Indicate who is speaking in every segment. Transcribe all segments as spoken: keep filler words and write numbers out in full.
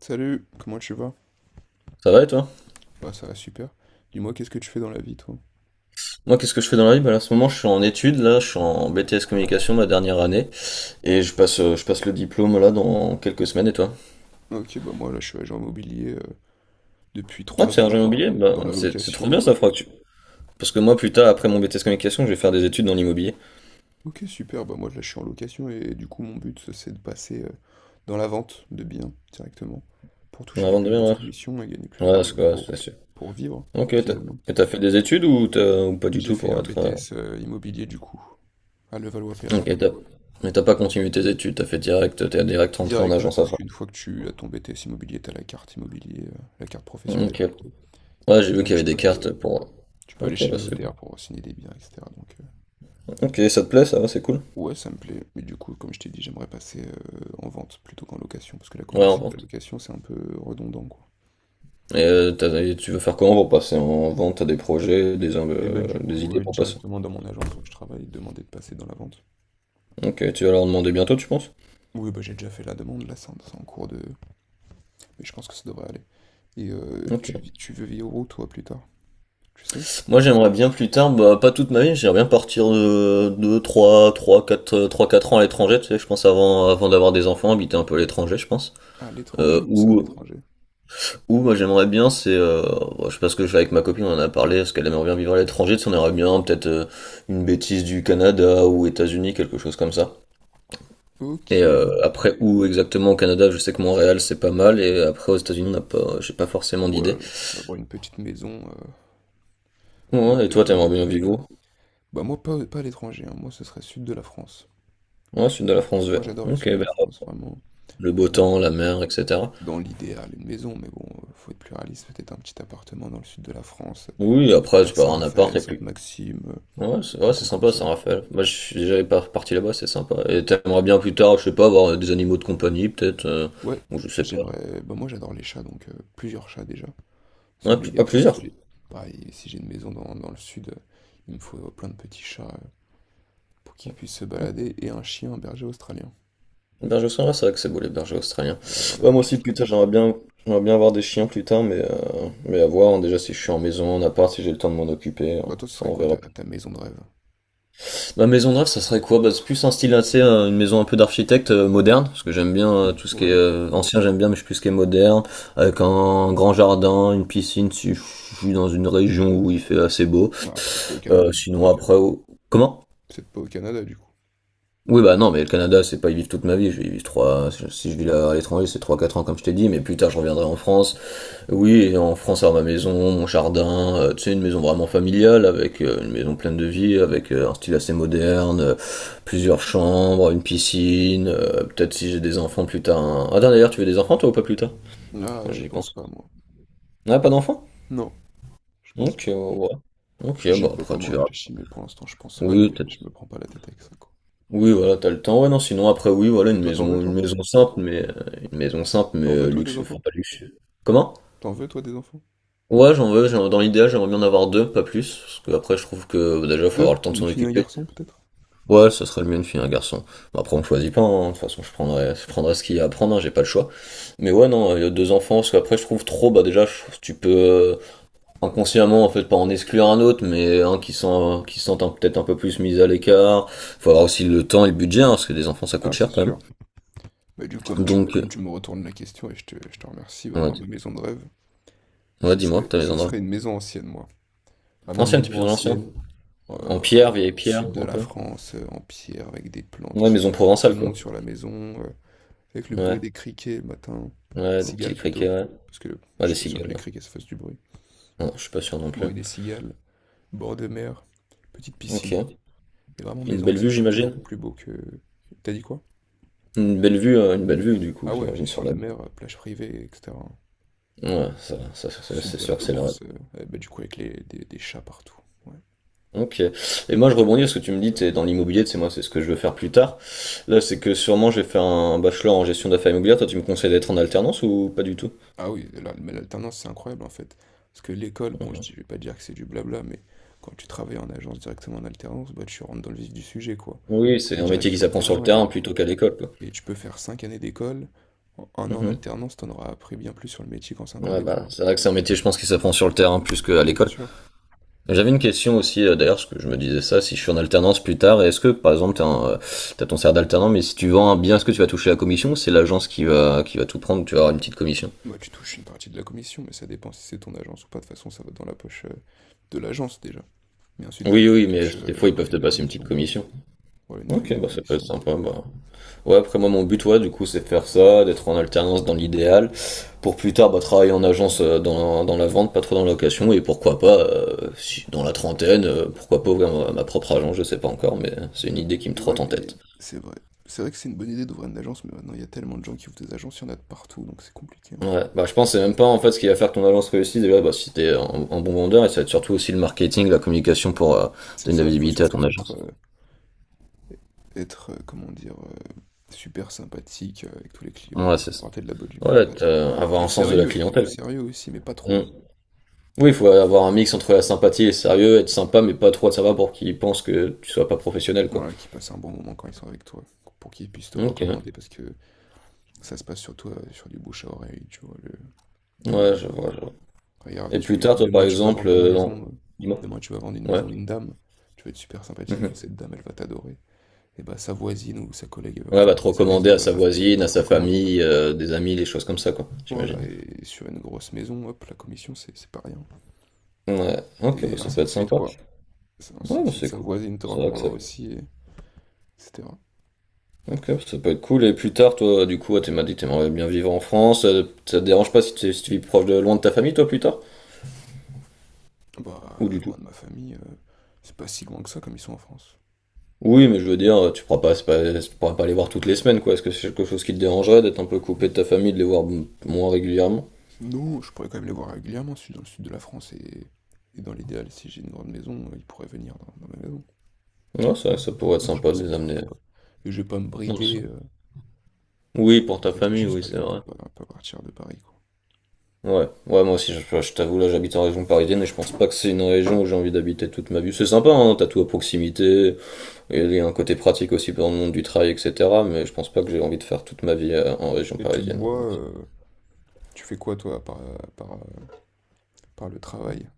Speaker 1: Salut, comment tu vas?
Speaker 2: Ça va et toi?
Speaker 1: Bah ça va super. Dis-moi, qu'est-ce que tu fais dans la vie, toi?
Speaker 2: Moi, qu'est-ce que je fais dans la vie? Bah, là, en ce moment, je suis en études, là, je suis en B T S communication, ma dernière année, et je passe, euh, je passe le diplôme là dans quelques semaines. Et toi?
Speaker 1: Ok, bah moi là je suis agent immobilier euh, depuis
Speaker 2: Ah, tu es
Speaker 1: trois
Speaker 2: agent
Speaker 1: ans dans,
Speaker 2: immobilier? Bah,
Speaker 1: dans la
Speaker 2: c'est, c'est trop bien
Speaker 1: location.
Speaker 2: ça, faudra que tu- Parce que moi, plus tard, après mon B T S communication, je vais faire des études dans l'immobilier.
Speaker 1: Ok, super, bah moi là je suis en location et du coup mon but ça, c'est de passer euh, dans la vente de biens directement pour
Speaker 2: Non,
Speaker 1: toucher des
Speaker 2: avant de
Speaker 1: plus grosses
Speaker 2: devenir,
Speaker 1: commissions et gagner
Speaker 2: ouais.
Speaker 1: plus
Speaker 2: Ouais, c'est
Speaker 1: d'argent
Speaker 2: quoi,
Speaker 1: pour,
Speaker 2: c'est sûr.
Speaker 1: pour vivre
Speaker 2: Ok, t'as,
Speaker 1: finalement.
Speaker 2: et t'as fait des études ou t'as, ou pas du
Speaker 1: J'ai
Speaker 2: tout
Speaker 1: fait
Speaker 2: pour
Speaker 1: un
Speaker 2: être, euh,
Speaker 1: B T S euh, immobilier du coup à Levallois-Perret.
Speaker 2: Ok, t'as, mais t'as pas continué tes études, t'as fait direct, t'es direct rentré en
Speaker 1: Direct, ouais,
Speaker 2: agence
Speaker 1: parce
Speaker 2: après.
Speaker 1: qu'une fois que tu as ton B T S immobilier, t'as la carte immobilier, euh, la carte professionnelle
Speaker 2: Ok.
Speaker 1: plutôt.
Speaker 2: Ouais,
Speaker 1: Et
Speaker 2: j'ai vu
Speaker 1: donc
Speaker 2: qu'il y avait
Speaker 1: tu
Speaker 2: des
Speaker 1: peux aller
Speaker 2: cartes pour.
Speaker 1: Tu peux aller
Speaker 2: Ok,
Speaker 1: chez
Speaker 2: bah
Speaker 1: le
Speaker 2: c'est.
Speaker 1: notaire pour signer des biens, et cetera. Donc, euh,
Speaker 2: Ok, ça te plaît, ça va, c'est cool.
Speaker 1: ouais, ça me plaît. Mais du coup, comme je t'ai dit, j'aimerais passer euh, en vente plutôt qu'en location. Parce que là,
Speaker 2: Ouais,
Speaker 1: comment
Speaker 2: on
Speaker 1: c'est-
Speaker 2: va.
Speaker 1: la location, c'est un peu redondant, quoi.
Speaker 2: Et euh, t'as- et tu veux faire comment pour passer en vente? T'as des projets, des,
Speaker 1: Et bah,
Speaker 2: euh,
Speaker 1: du
Speaker 2: des
Speaker 1: coup,
Speaker 2: idées
Speaker 1: euh,
Speaker 2: pour passer?
Speaker 1: directement dans mon agence où je travaille, demander de passer dans la vente.
Speaker 2: Ok, tu vas leur demander bientôt, tu penses?
Speaker 1: Oui, bah, j'ai déjà fait la demande. Là, c'est en, c'est en cours de. Mais je pense que ça devrait aller. Et euh,
Speaker 2: Ok.
Speaker 1: tu, vis- tu veux vivre où, toi, plus tard? Tu sais?
Speaker 2: Moi, j'aimerais bien plus tard, bah, pas toute ma vie, j'aimerais bien partir de deux, trois 3, quatre, trois, quatre ans à l'étranger, tu sais, je pense avant, avant d'avoir des enfants, habiter un peu à l'étranger, je pense.
Speaker 1: À l'étranger
Speaker 2: Euh,
Speaker 1: ou ça, à
Speaker 2: ou,
Speaker 1: l'étranger?
Speaker 2: ou, moi, j'aimerais bien, c'est, euh, bon, je sais pas ce que je fais avec ma copine, on en a parlé, parce qu'elle aimerait bien vivre à l'étranger, tu sais, on aimerait bien, peut-être, euh, une bêtise du Canada ou États-Unis, quelque chose comme ça.
Speaker 1: Ok.
Speaker 2: Et euh, après où exactement au Canada, je sais que Montréal c'est pas mal, et après aux États-Unis, on n'a pas, j'ai pas forcément
Speaker 1: Ouais,
Speaker 2: d'idée.
Speaker 1: avoir une petite maison euh, aux
Speaker 2: Ouais, et toi,
Speaker 1: États-Unis,
Speaker 2: t'aimerais
Speaker 1: au
Speaker 2: bien vivre
Speaker 1: Canada.
Speaker 2: où?
Speaker 1: Bah, moi, pas, pas à l'étranger, hein. Moi, ce serait sud de la France.
Speaker 2: Ouais, sud de la France
Speaker 1: Moi,
Speaker 2: vert.
Speaker 1: j'adore le
Speaker 2: Ok,
Speaker 1: sud de
Speaker 2: bah,
Speaker 1: la France, vraiment.
Speaker 2: le beau
Speaker 1: Bon,
Speaker 2: temps, la mer, et cetera.
Speaker 1: dans l'idéal, une maison, mais bon, euh, faut être plus réaliste. Peut-être un petit appartement dans le sud de la France,
Speaker 2: Oui, après tu
Speaker 1: vers
Speaker 2: peux avoir un appart
Speaker 1: Saint-Raphaël,
Speaker 2: et puis.
Speaker 1: Sainte-Maxime,
Speaker 2: Ouais, c'est
Speaker 1: euh,
Speaker 2: ouais,
Speaker 1: un
Speaker 2: c'est
Speaker 1: coin comme
Speaker 2: sympa
Speaker 1: ça.
Speaker 2: Saint-Raphaël. Moi, je suis déjà par- parti là-bas, c'est sympa. Et t'aimerais bien plus tard, je sais pas, avoir des animaux de compagnie, peut-être, euh,
Speaker 1: Ouais,
Speaker 2: ou je sais pas.
Speaker 1: j'aimerais. Bah, moi, j'adore les chats, donc euh, plusieurs chats déjà. C'est
Speaker 2: Ouais, pl- ah,
Speaker 1: obligatoire. Si
Speaker 2: plusieurs.
Speaker 1: j'ai pareil, si j'ai une maison dans, dans le sud, euh, il me faut euh, plein de petits chats euh, pour qu'ils puissent se balader et un chien, un berger australien.
Speaker 2: Une Berger australien, ouais, c'est vrai que c'est beau les bergers australiens.
Speaker 1: Ouais, j'adore les
Speaker 2: Ouais, moi
Speaker 1: bergers
Speaker 2: aussi, putain,
Speaker 1: australiens.
Speaker 2: j'aimerais bien, j'aimerais bien avoir des chiens plus tard, mais, euh, mais à voir, hein. Déjà, si je suis en maison, en appart, si j'ai le temps de m'en occuper, hein.
Speaker 1: Bah, toi, ce
Speaker 2: Ça,
Speaker 1: serait
Speaker 2: on
Speaker 1: quoi
Speaker 2: verra.
Speaker 1: ta, ta maison de rêve?
Speaker 2: Ma maison de rêve, ça serait quoi? Bah, c'est plus un style assez, euh, une maison un peu d'architecte euh, moderne, parce que j'aime bien euh, tout ce qui est
Speaker 1: Ouais.
Speaker 2: euh, ancien, j'aime bien, mais je suis plus ce qui est moderne, avec un grand jardin, une piscine, si je suis dans une région où il fait assez beau.
Speaker 1: Ah, peut-être pas au
Speaker 2: Euh,
Speaker 1: Canada, du
Speaker 2: sinon,
Speaker 1: coup.
Speaker 2: après, au- comment?
Speaker 1: Peut-être pas au Canada, du coup.
Speaker 2: Oui, bah non, mais le Canada, c'est pas y vivre toute ma vie. Je vais y vivre trois. Si je vis là à l'étranger, c'est trois quatre ans, comme je t'ai dit, mais plus tard, je reviendrai en France. Oui, et en France, avoir ma maison, mon jardin, euh, tu sais, une maison vraiment familiale, avec euh, une maison pleine de vie, avec euh, un style assez moderne, euh, plusieurs chambres, une piscine, euh, peut-être si j'ai des enfants plus tard. un- Ah, d'ailleurs, tu veux des enfants, toi, ou pas plus tard?
Speaker 1: Ah,
Speaker 2: Quand
Speaker 1: je
Speaker 2: j'y
Speaker 1: pense
Speaker 2: pense.
Speaker 1: pas, moi.
Speaker 2: Ah, pas d'enfants?
Speaker 1: Non, je pense
Speaker 2: Ok,
Speaker 1: pas.
Speaker 2: ouais. Ok,
Speaker 1: J'y ai
Speaker 2: bon,
Speaker 1: pas
Speaker 2: après,
Speaker 1: vraiment
Speaker 2: tu verras.
Speaker 1: réfléchi, mais pour l'instant, je pense pas
Speaker 2: Oui,
Speaker 1: et je
Speaker 2: peut-être.
Speaker 1: me prends pas la tête avec ça, quoi.
Speaker 2: Oui, voilà, t'as le temps. Ouais, non, sinon après, oui, voilà,
Speaker 1: Et
Speaker 2: une
Speaker 1: toi, t'en veux,
Speaker 2: maison, une
Speaker 1: toi?
Speaker 2: maison simple, mais euh, une maison simple, mais
Speaker 1: T'en veux,
Speaker 2: euh,
Speaker 1: toi, des
Speaker 2: luxueux, enfin
Speaker 1: enfants?
Speaker 2: pas luxueux. Comment?
Speaker 1: T'en veux, toi, des enfants?
Speaker 2: Ouais, j'en veux, j'en- dans l'idéal, j'aimerais bien en avoir deux, pas plus, parce que après, je trouve que bah, déjà, faut avoir
Speaker 1: Deux?
Speaker 2: le temps de
Speaker 1: Une
Speaker 2: s'en
Speaker 1: fille, un
Speaker 2: occuper.
Speaker 1: garçon, peut-être?
Speaker 2: Ouais, ça serait le mieux une fille, un garçon. Bah, après, on choisit pas, hein. De toute façon, je prendrai, je prendrai ce qu'il y a à prendre, hein, j'ai pas le choix. Mais ouais, non, euh, deux enfants, parce qu'après, je trouve trop, bah déjà, je trouve que tu peux euh, inconsciemment, en fait, pas en exclure un autre, mais un qui sent, qui se sent un- peut-être un peu plus mis à l'écart. Faut avoir aussi le temps et le budget, hein, parce que des enfants, ça coûte
Speaker 1: Ah,
Speaker 2: cher
Speaker 1: c'est
Speaker 2: quand même.
Speaker 1: sûr. Bah, du coup, comme tu,
Speaker 2: Donc,
Speaker 1: comme tu me retournes la question et je te, je te remercie, bah, moi,
Speaker 2: ouais,
Speaker 1: ma maison de rêve,
Speaker 2: ouais,
Speaker 1: ce
Speaker 2: dis-moi,
Speaker 1: serait,
Speaker 2: ta
Speaker 1: ce
Speaker 2: maison de rêve.
Speaker 1: serait une maison ancienne, moi. Vraiment
Speaker 2: Ancienne, t'es plus
Speaker 1: maison
Speaker 2: dans l'ancien.
Speaker 1: ancienne, euh,
Speaker 2: En pierre, vieille pierre,
Speaker 1: sud de
Speaker 2: un
Speaker 1: la
Speaker 2: peu.
Speaker 1: France, euh, en pierre, avec des plantes
Speaker 2: Ouais,
Speaker 1: qui,
Speaker 2: maison
Speaker 1: qui
Speaker 2: provençale,
Speaker 1: montent
Speaker 2: quoi.
Speaker 1: sur la maison, euh, avec le bruit
Speaker 2: Ouais,
Speaker 1: des criquets le matin, des
Speaker 2: ouais, des petits
Speaker 1: cigales
Speaker 2: criquets,
Speaker 1: plutôt,
Speaker 2: ouais.
Speaker 1: parce que je
Speaker 2: Ouais, des
Speaker 1: suis pas sûr que
Speaker 2: cigales,
Speaker 1: les
Speaker 2: ouais.
Speaker 1: criquets se fassent du bruit.
Speaker 2: Non, je suis pas sûr non plus.
Speaker 1: Bruit des cigales, bord de mer, petite piscine, ouais.
Speaker 2: Ok.
Speaker 1: Mais vraiment
Speaker 2: Une
Speaker 1: maison
Speaker 2: belle vue,
Speaker 1: ancienne, je trouve ça
Speaker 2: j'imagine.
Speaker 1: beaucoup plus beau que... T'as dit quoi?
Speaker 2: Une belle vue, euh, une belle vue, du coup,
Speaker 1: Ah ouais, vue
Speaker 2: j'imagine,
Speaker 1: sur
Speaker 2: sur la...
Speaker 1: la mer, euh, plage privée, et cetera.
Speaker 2: Ouais, ça, ça, ça, ça,
Speaker 1: Sud
Speaker 2: c'est
Speaker 1: de la
Speaker 2: sûr que c'est le rêve.
Speaker 1: France, euh, euh, bah, du coup avec les, des, des chats partout. Ouais.
Speaker 2: Ok. Et moi, je rebondis parce que tu me dis, t'es dans l'immobilier, c'est moi, c'est ce que je veux faire plus tard. Là, c'est que sûrement, j'ai fait un bachelor en gestion d'affaires immobilières. Toi, tu me conseilles d'être en alternance ou pas du tout?
Speaker 1: Ah oui, la- mais l'alternance, c'est incroyable en fait. Parce que l'école, bon, je,
Speaker 2: Mhm.
Speaker 1: dis- je vais pas dire que c'est du blabla, mais quand tu travailles en agence directement en alternance, bah, tu rentres dans le vif du sujet, quoi.
Speaker 2: Oui, c'est
Speaker 1: T'es
Speaker 2: un
Speaker 1: direct
Speaker 2: métier qui
Speaker 1: sur le
Speaker 2: s'apprend sur le
Speaker 1: terrain
Speaker 2: terrain
Speaker 1: et,
Speaker 2: plutôt qu'à l'école, quoi.
Speaker 1: et tu peux faire cinq années d'école. En un an en
Speaker 2: Mmh.
Speaker 1: alternance, t'en auras appris bien plus sur le métier qu'en cinq ans
Speaker 2: Ouais,
Speaker 1: d'école.
Speaker 2: bah, c'est vrai que c'est un métier, je pense, qui s'apprend sur le terrain plus qu'à
Speaker 1: Bah, bien
Speaker 2: l'école.
Speaker 1: sûr.
Speaker 2: J'avais une question aussi, euh, d'ailleurs, parce que je me disais ça, si je suis en alternance plus tard, est-ce que, par exemple, t'as, un, euh, t'as ton salaire d'alternant, mais si tu vends un bien, est-ce que tu vas toucher la commission ou c'est l'agence qui va, qui va tout prendre, tu vas avoir une petite commission?
Speaker 1: Moi, tu touches une partie de la commission, mais ça dépend si c'est ton agence ou pas. De toute façon, ça va dans la poche euh, de l'agence déjà. Mais ensuite, toi,
Speaker 2: Oui,
Speaker 1: tu
Speaker 2: oui, mais
Speaker 1: touches euh,
Speaker 2: des
Speaker 1: la
Speaker 2: fois, ils peuvent te
Speaker 1: prime de
Speaker 2: passer une petite
Speaker 1: commission, quoi.
Speaker 2: commission.
Speaker 1: Voilà, une prime
Speaker 2: Ok,
Speaker 1: de
Speaker 2: bah, ça peut être
Speaker 1: commission.
Speaker 2: sympa, bah. Ouais, après moi mon but ouais du coup c'est faire ça, d'être en alternance dans l'idéal, pour plus tard bah, travailler en agence euh, dans, dans la vente, pas trop dans la location, et pourquoi pas, euh, si, dans la trentaine, euh, pourquoi pas ouvrir ma, ma propre agence, je sais pas encore, mais c'est une idée qui me
Speaker 1: Et ouais,
Speaker 2: trotte en
Speaker 1: mais
Speaker 2: tête.
Speaker 1: c'est vrai. C'est vrai que c'est une bonne idée d'ouvrir une agence, mais maintenant, il y a tellement de gens qui ouvrent des agences, il y en a de partout, donc c'est compliqué, hein.
Speaker 2: Ouais, bah je pense que c'est même pas en fait ce qui va faire que ton agence réussisse déjà, bah si t'es un, un bon vendeur, et ça va être surtout aussi le marketing, la communication pour euh,
Speaker 1: C'est
Speaker 2: donner de
Speaker 1: ça,
Speaker 2: la
Speaker 1: il faut
Speaker 2: visibilité à ton
Speaker 1: surtout être,
Speaker 2: agence.
Speaker 1: euh, être, euh, comment dire, euh, super sympathique euh, avec tous les
Speaker 2: Ouais,
Speaker 1: clients,
Speaker 2: c'est ça.
Speaker 1: porter de la bonne humeur,
Speaker 2: Ouais,
Speaker 1: pas trop.
Speaker 2: t'as- avoir
Speaker 1: Du
Speaker 2: un sens de la
Speaker 1: sérieux, du
Speaker 2: clientèle.
Speaker 1: sérieux aussi, mais pas
Speaker 2: Mm.
Speaker 1: trop.
Speaker 2: Oui, il faut avoir un mix entre la sympathie et le sérieux, être sympa mais pas trop de sympa pour qu'ils pensent que tu sois pas professionnel, quoi.
Speaker 1: Voilà, qu'ils passent un bon moment quand ils sont avec toi, pour qu'ils puissent te
Speaker 2: Ok.
Speaker 1: recommander, parce que ça se passe surtout euh, sur du bouche à oreille, tu vois, le-
Speaker 2: Ouais, je
Speaker 1: l'immobilier.
Speaker 2: vois, je vois.
Speaker 1: Enfin, regarde,
Speaker 2: Et plus
Speaker 1: tu,
Speaker 2: tard, toi, par
Speaker 1: demain tu vas
Speaker 2: exemple,
Speaker 1: vendre une
Speaker 2: euh, dans-
Speaker 1: maison, euh,
Speaker 2: dis-moi.
Speaker 1: demain tu vas vendre une
Speaker 2: Ouais.
Speaker 1: maison à une dame, tu vas être super sympathique avec
Speaker 2: Mhm.
Speaker 1: cette dame, elle va t'adorer. Et bah sa voisine ou sa collègue, elle va
Speaker 2: Ouais, va
Speaker 1: vouloir
Speaker 2: te
Speaker 1: vendre sa
Speaker 2: recommander
Speaker 1: maison,
Speaker 2: à
Speaker 1: bah, elle
Speaker 2: sa
Speaker 1: va te, elle
Speaker 2: voisine,
Speaker 1: va
Speaker 2: à
Speaker 1: te
Speaker 2: sa
Speaker 1: recommander.
Speaker 2: famille, euh, des amis, des choses comme ça, quoi,
Speaker 1: Voilà,
Speaker 2: j'imagine.
Speaker 1: et sur une grosse maison, hop, la commission, c'est c'est pas rien.
Speaker 2: Ouais. Ok, bah
Speaker 1: Et
Speaker 2: ça peut
Speaker 1: ainsi de
Speaker 2: être
Speaker 1: suite,
Speaker 2: sympa.
Speaker 1: quoi. C'est ainsi
Speaker 2: Ouais,
Speaker 1: de
Speaker 2: bah,
Speaker 1: suite,
Speaker 2: c'est
Speaker 1: sa
Speaker 2: cool.
Speaker 1: voisine te
Speaker 2: C'est vrai que
Speaker 1: recommandera
Speaker 2: ça...
Speaker 1: aussi, et- etc.
Speaker 2: Ok, bah, ça peut être cool. Et plus tard, toi, du coup, tu m'as dit que t'aimerais bien vivre en France, euh, ça te dérange pas si tu, si tu vis proche de loin de ta famille, toi, plus tard?
Speaker 1: Bah,
Speaker 2: Ou du tout?
Speaker 1: loin de ma famille, euh, c'est pas si loin que ça comme ils sont en France.
Speaker 2: Oui, mais je veux dire, tu pourras pas, c'est pas- tu pourras pas les voir toutes les semaines, quoi. Est-ce que c'est quelque chose qui te dérangerait d'être un peu coupé de ta famille, de les voir m- moins régulièrement?
Speaker 1: Non, je pourrais quand même les voir régulièrement. Je suis dans le sud de la France et, et dans l'idéal, si j'ai une grande maison, euh, ils pourraient venir dans, dans ma maison. Donc.
Speaker 2: Ouais, ça, ça pourrait être
Speaker 1: Non, je pense
Speaker 2: sympa
Speaker 1: que
Speaker 2: de
Speaker 1: ça me
Speaker 2: les
Speaker 1: dérangerait
Speaker 2: amener.
Speaker 1: pas. Et je vais pas me
Speaker 2: Non, c'est-
Speaker 1: brider euh,
Speaker 2: Oui, pour
Speaker 1: le
Speaker 2: ta
Speaker 1: fait que je
Speaker 2: famille,
Speaker 1: puisse
Speaker 2: oui,
Speaker 1: pas les
Speaker 2: c'est
Speaker 1: voir
Speaker 2: vrai.
Speaker 1: pour pas, pas partir de Paris, quoi.
Speaker 2: Ouais, ouais, moi aussi, je, je t'avoue, là, j'habite en région parisienne et je pense pas que c'est une région où j'ai envie d'habiter toute ma vie. C'est sympa, hein, t'as tout à proximité, et il y a un côté pratique aussi dans le monde du travail, et cetera. Mais je pense pas que j'ai envie de faire toute ma vie euh, en région
Speaker 1: Et tu te
Speaker 2: parisienne.
Speaker 1: vois, euh, tu fais quoi toi par, par, par le travail?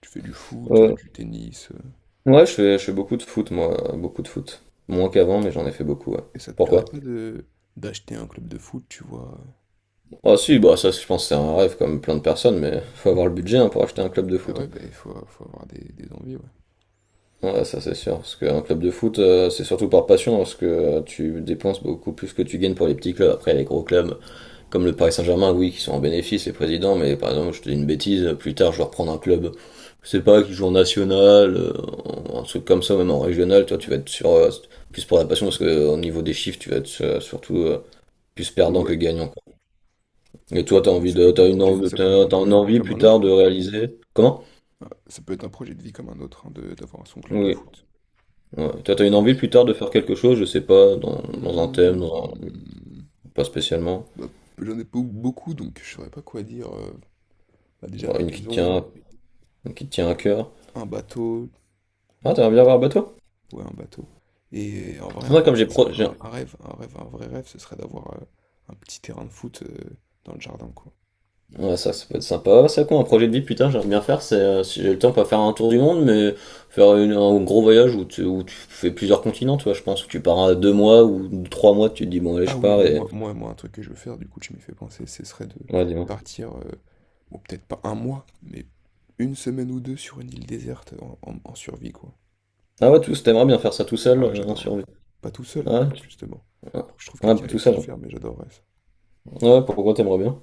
Speaker 1: Tu fais du foot, euh,
Speaker 2: Euh,
Speaker 1: du tennis, euh,
Speaker 2: ouais, je fais, je fais beaucoup de foot, moi, beaucoup de foot. Moins qu'avant, mais j'en ai fait beaucoup, ouais.
Speaker 1: et ça te plairait
Speaker 2: Pourquoi?
Speaker 1: pas de d'acheter un club de foot, tu vois? euh.
Speaker 2: Ah si, bah ça je pense que c'est un rêve comme plein de personnes, mais faut avoir le budget hein, pour acheter un club de
Speaker 1: Ah
Speaker 2: foot, hein.
Speaker 1: ouais, bah il faut, faut avoir des, des envies, ouais.
Speaker 2: Ouais, ça c'est sûr, parce qu'un club de foot euh, c'est surtout par passion, parce que euh, tu dépenses beaucoup plus que tu gagnes pour les petits clubs. Après les gros clubs comme le Paris Saint-Germain, oui, qui sont en bénéfice les présidents, mais par exemple je te dis une bêtise, plus tard je vais reprendre un club, je sais pas, qui joue en national, euh, un truc comme ça, même en régional, toi tu vas être sur euh, plus pour la passion, parce que euh, au niveau des chiffres tu vas être euh, surtout euh, plus perdant que
Speaker 1: Ouais,
Speaker 2: gagnant. Et toi, t'as
Speaker 1: ouais, mais
Speaker 2: envie
Speaker 1: ça
Speaker 2: de,
Speaker 1: peut être un
Speaker 2: t'as une
Speaker 1: projet, de-
Speaker 2: envie,
Speaker 1: ça peut être
Speaker 2: t'as,
Speaker 1: un
Speaker 2: t'as une
Speaker 1: projet de vie
Speaker 2: envie
Speaker 1: comme
Speaker 2: plus
Speaker 1: un
Speaker 2: tard
Speaker 1: autre.
Speaker 2: de réaliser. Comment?
Speaker 1: Ouais, ça peut être un projet de vie comme un autre, hein, de- d'avoir son club de
Speaker 2: Oui.
Speaker 1: foot.
Speaker 2: Ouais. Toi,
Speaker 1: C'est ton
Speaker 2: t'as une envie
Speaker 1: feeling.
Speaker 2: plus tard de faire quelque chose, je sais pas, dans, dans un thème, dans un-
Speaker 1: Hmm,
Speaker 2: pas spécialement.
Speaker 1: bah, j'en ai pas eu beaucoup, donc je saurais pas quoi dire. Euh, bah, déjà
Speaker 2: Bon,
Speaker 1: la
Speaker 2: une qui te
Speaker 1: maison,
Speaker 2: tient, une qui te tient à cœur.
Speaker 1: un bateau,
Speaker 2: Ah,
Speaker 1: enfin, un
Speaker 2: t'aimerais bien
Speaker 1: bateau,
Speaker 2: avoir un bateau?
Speaker 1: ouais, un bateau. Et en vrai, un
Speaker 2: Moi,
Speaker 1: rêve,
Speaker 2: comme j'ai
Speaker 1: ce serait,
Speaker 2: pro, j'ai-
Speaker 1: un un rêve, un rêve, un vrai rêve, ce serait d'avoir euh, un petit terrain de foot euh, dans le jardin, quoi.
Speaker 2: ouais, ça, ça peut être sympa. Ouais, c'est quoi un projet de vie plus tard, j'aimerais bien faire, c'est, euh, si j'ai le temps, pas faire un tour du monde, mais faire une- un gros voyage où tu, où tu fais plusieurs continents, tu vois, je pense, où tu pars à deux mois ou trois mois, tu te dis, bon, allez,
Speaker 1: Ah
Speaker 2: je
Speaker 1: oui,
Speaker 2: pars
Speaker 1: mais
Speaker 2: et,
Speaker 1: moi, moi, moi, un truc que je veux faire, du coup, tu m'y fais penser, ce serait de
Speaker 2: ouais, dis-moi.
Speaker 1: partir, euh, bon, peut-être pas un mois, mais une semaine ou deux sur une île déserte en, en- en survie, quoi.
Speaker 2: Ah ouais, tous, t'aimerais bien faire ça tout seul,
Speaker 1: Ah ouais,
Speaker 2: euh, en
Speaker 1: j'adorerais.
Speaker 2: survie.
Speaker 1: Pas tout seul,
Speaker 2: Ouais,
Speaker 1: justement.
Speaker 2: ah,
Speaker 1: Faut que je trouve
Speaker 2: ah,
Speaker 1: quelqu'un
Speaker 2: pas tout
Speaker 1: avec
Speaker 2: ça,
Speaker 1: qui le
Speaker 2: non.
Speaker 1: faire, mais j'adorerais ça.
Speaker 2: Ouais, pourquoi t'aimerais bien?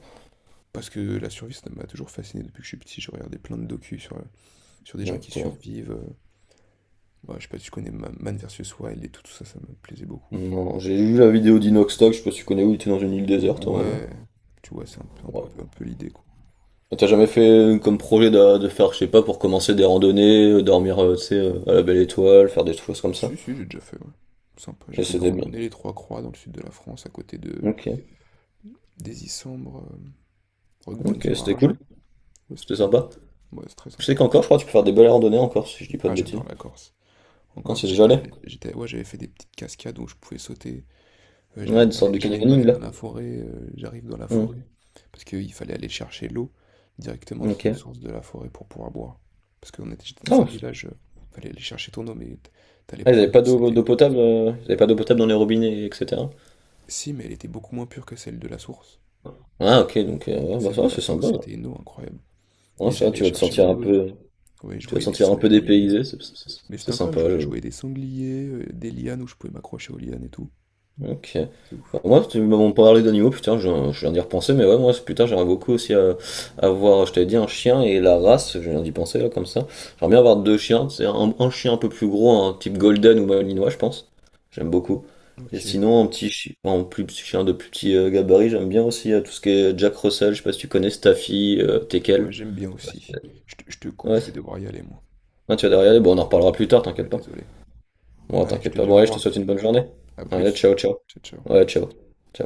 Speaker 1: Parce que la survie, ça m'a toujours fasciné depuis que je suis petit. J'ai regardé plein de docus sur, sur des gens qui
Speaker 2: Ok.
Speaker 1: survivent. Euh, ouais, je sais pas si tu connais Ma- Man vs Wild et tout, tout ça, ça me plaisait beaucoup.
Speaker 2: Non, j'ai vu la vidéo d'Inoxtag, je sais pas si tu connais où, il était dans une île déserte à un moment.
Speaker 1: Ouais, tu vois, c'est un peu, un peu, un
Speaker 2: Ouais.
Speaker 1: peu, un peu l'idée, quoi.
Speaker 2: T'as jamais fait euh, comme projet d'a- de, faire, je sais pas, pour commencer des randonnées, euh, dormir, euh, tu sais, euh, à la belle étoile, faire des choses comme ça?
Speaker 1: Si, si, j'ai déjà fait, ouais. Sympa, j'ai
Speaker 2: Et
Speaker 1: fait des
Speaker 2: c'était bien.
Speaker 1: randonnées les Trois Croix dans le sud de la France, à côté de
Speaker 2: Ok.
Speaker 1: des Isambres, euh,
Speaker 2: Ok, c'était cool.
Speaker 1: Roquebrune-sur-Argent. Ouais, c'était
Speaker 2: C'était
Speaker 1: sympa.
Speaker 2: sympa.
Speaker 1: Ouais, c'est très
Speaker 2: Je sais
Speaker 1: sympa.
Speaker 2: qu'encore, je crois que tu peux faire des belles randonnées encore, si je dis pas
Speaker 1: Ah,
Speaker 2: de
Speaker 1: j'adore
Speaker 2: bêtises.
Speaker 1: la Corse.
Speaker 2: Ah,
Speaker 1: Encore,
Speaker 2: c'est déjà
Speaker 1: j'étais,
Speaker 2: allé.
Speaker 1: j'étais, ouais, j'avais fait des petites cascades où je pouvais sauter. Euh,
Speaker 2: Ouais,
Speaker 1: j'allais
Speaker 2: des
Speaker 1: me
Speaker 2: sortes
Speaker 1: balader,
Speaker 2: de
Speaker 1: j'allais me
Speaker 2: canyoning,
Speaker 1: balader
Speaker 2: là.
Speaker 1: dans la forêt. Euh, j'arrive dans la
Speaker 2: Hmm.
Speaker 1: forêt parce qu'il fallait aller chercher l'eau directement dans une
Speaker 2: Ok.
Speaker 1: source de la forêt pour pouvoir boire. Parce qu'on était j'étais dans un
Speaker 2: Oh,
Speaker 1: village, euh, fallait aller chercher ton eau, mais t- t'allais
Speaker 2: ah, ils avaient
Speaker 1: prendre
Speaker 2: pas
Speaker 1: l'eau,
Speaker 2: d'eau
Speaker 1: c'était.
Speaker 2: d'eau potable, euh, ils avaient pas d'eau potable dans les robinets, et cetera.
Speaker 1: Si, mais elle était beaucoup moins pure que celle de la source.
Speaker 2: Ah, ok, donc, euh, ouais, bah
Speaker 1: Celle de
Speaker 2: ça,
Speaker 1: la
Speaker 2: c'est
Speaker 1: source,
Speaker 2: sympa.
Speaker 1: c'était une eau incroyable.
Speaker 2: Ouais,
Speaker 1: Et
Speaker 2: ça,
Speaker 1: j'allais
Speaker 2: tu vas te
Speaker 1: chercher
Speaker 2: sentir
Speaker 1: mon
Speaker 2: un
Speaker 1: eau.
Speaker 2: peu,
Speaker 1: Ouais, je
Speaker 2: tu vas te
Speaker 1: voyais des
Speaker 2: sentir un peu
Speaker 1: sangliers. euh.
Speaker 2: dépaysé, c'est c'est-
Speaker 1: Mais c'était
Speaker 2: c'est
Speaker 1: incroyable,
Speaker 2: sympa,
Speaker 1: je, je
Speaker 2: j'avoue.
Speaker 1: voyais des sangliers, euh, des lianes où je pouvais m'accrocher aux lianes et tout.
Speaker 2: Ok.
Speaker 1: C'est
Speaker 2: Bah,
Speaker 1: ouf.
Speaker 2: moi, tu m'as parlé d'animaux, putain, je, viens je viens d'y repenser, mais ouais, moi, c'est- putain, j'aimerais beaucoup aussi euh, avoir, je t'avais dit, un chien et la race, je viens d'y penser, là, comme ça. J'aimerais bien avoir deux chiens, c'est un, un chien un peu plus gros, un type golden ou malinois, je pense. J'aime beaucoup. Et
Speaker 1: Ok.
Speaker 2: sinon, un petit chien, un plus petit chien de plus petit euh, gabarit, j'aime bien aussi euh, tout ce qui est Jack Russell, je sais pas si tu connais Staffy, euh, Tekel.
Speaker 1: Ouais, j'aime bien aussi. Je te, je te coupe,
Speaker 2: Ouais,
Speaker 1: je vais
Speaker 2: c'est-
Speaker 1: devoir y aller, moi.
Speaker 2: ouais, tu vas derrière, bon, on en reparlera plus tard,
Speaker 1: Ouais,
Speaker 2: t'inquiète pas.
Speaker 1: désolé.
Speaker 2: Bon,
Speaker 1: Allez, je
Speaker 2: t'inquiète
Speaker 1: te
Speaker 2: pas,
Speaker 1: dis
Speaker 2: bon,
Speaker 1: au
Speaker 2: allez, je te
Speaker 1: revoir.
Speaker 2: souhaite une bonne journée.
Speaker 1: À
Speaker 2: Allez,
Speaker 1: plus.
Speaker 2: ciao, ciao.
Speaker 1: Ciao, ciao.
Speaker 2: Ouais, ciao. Ciao.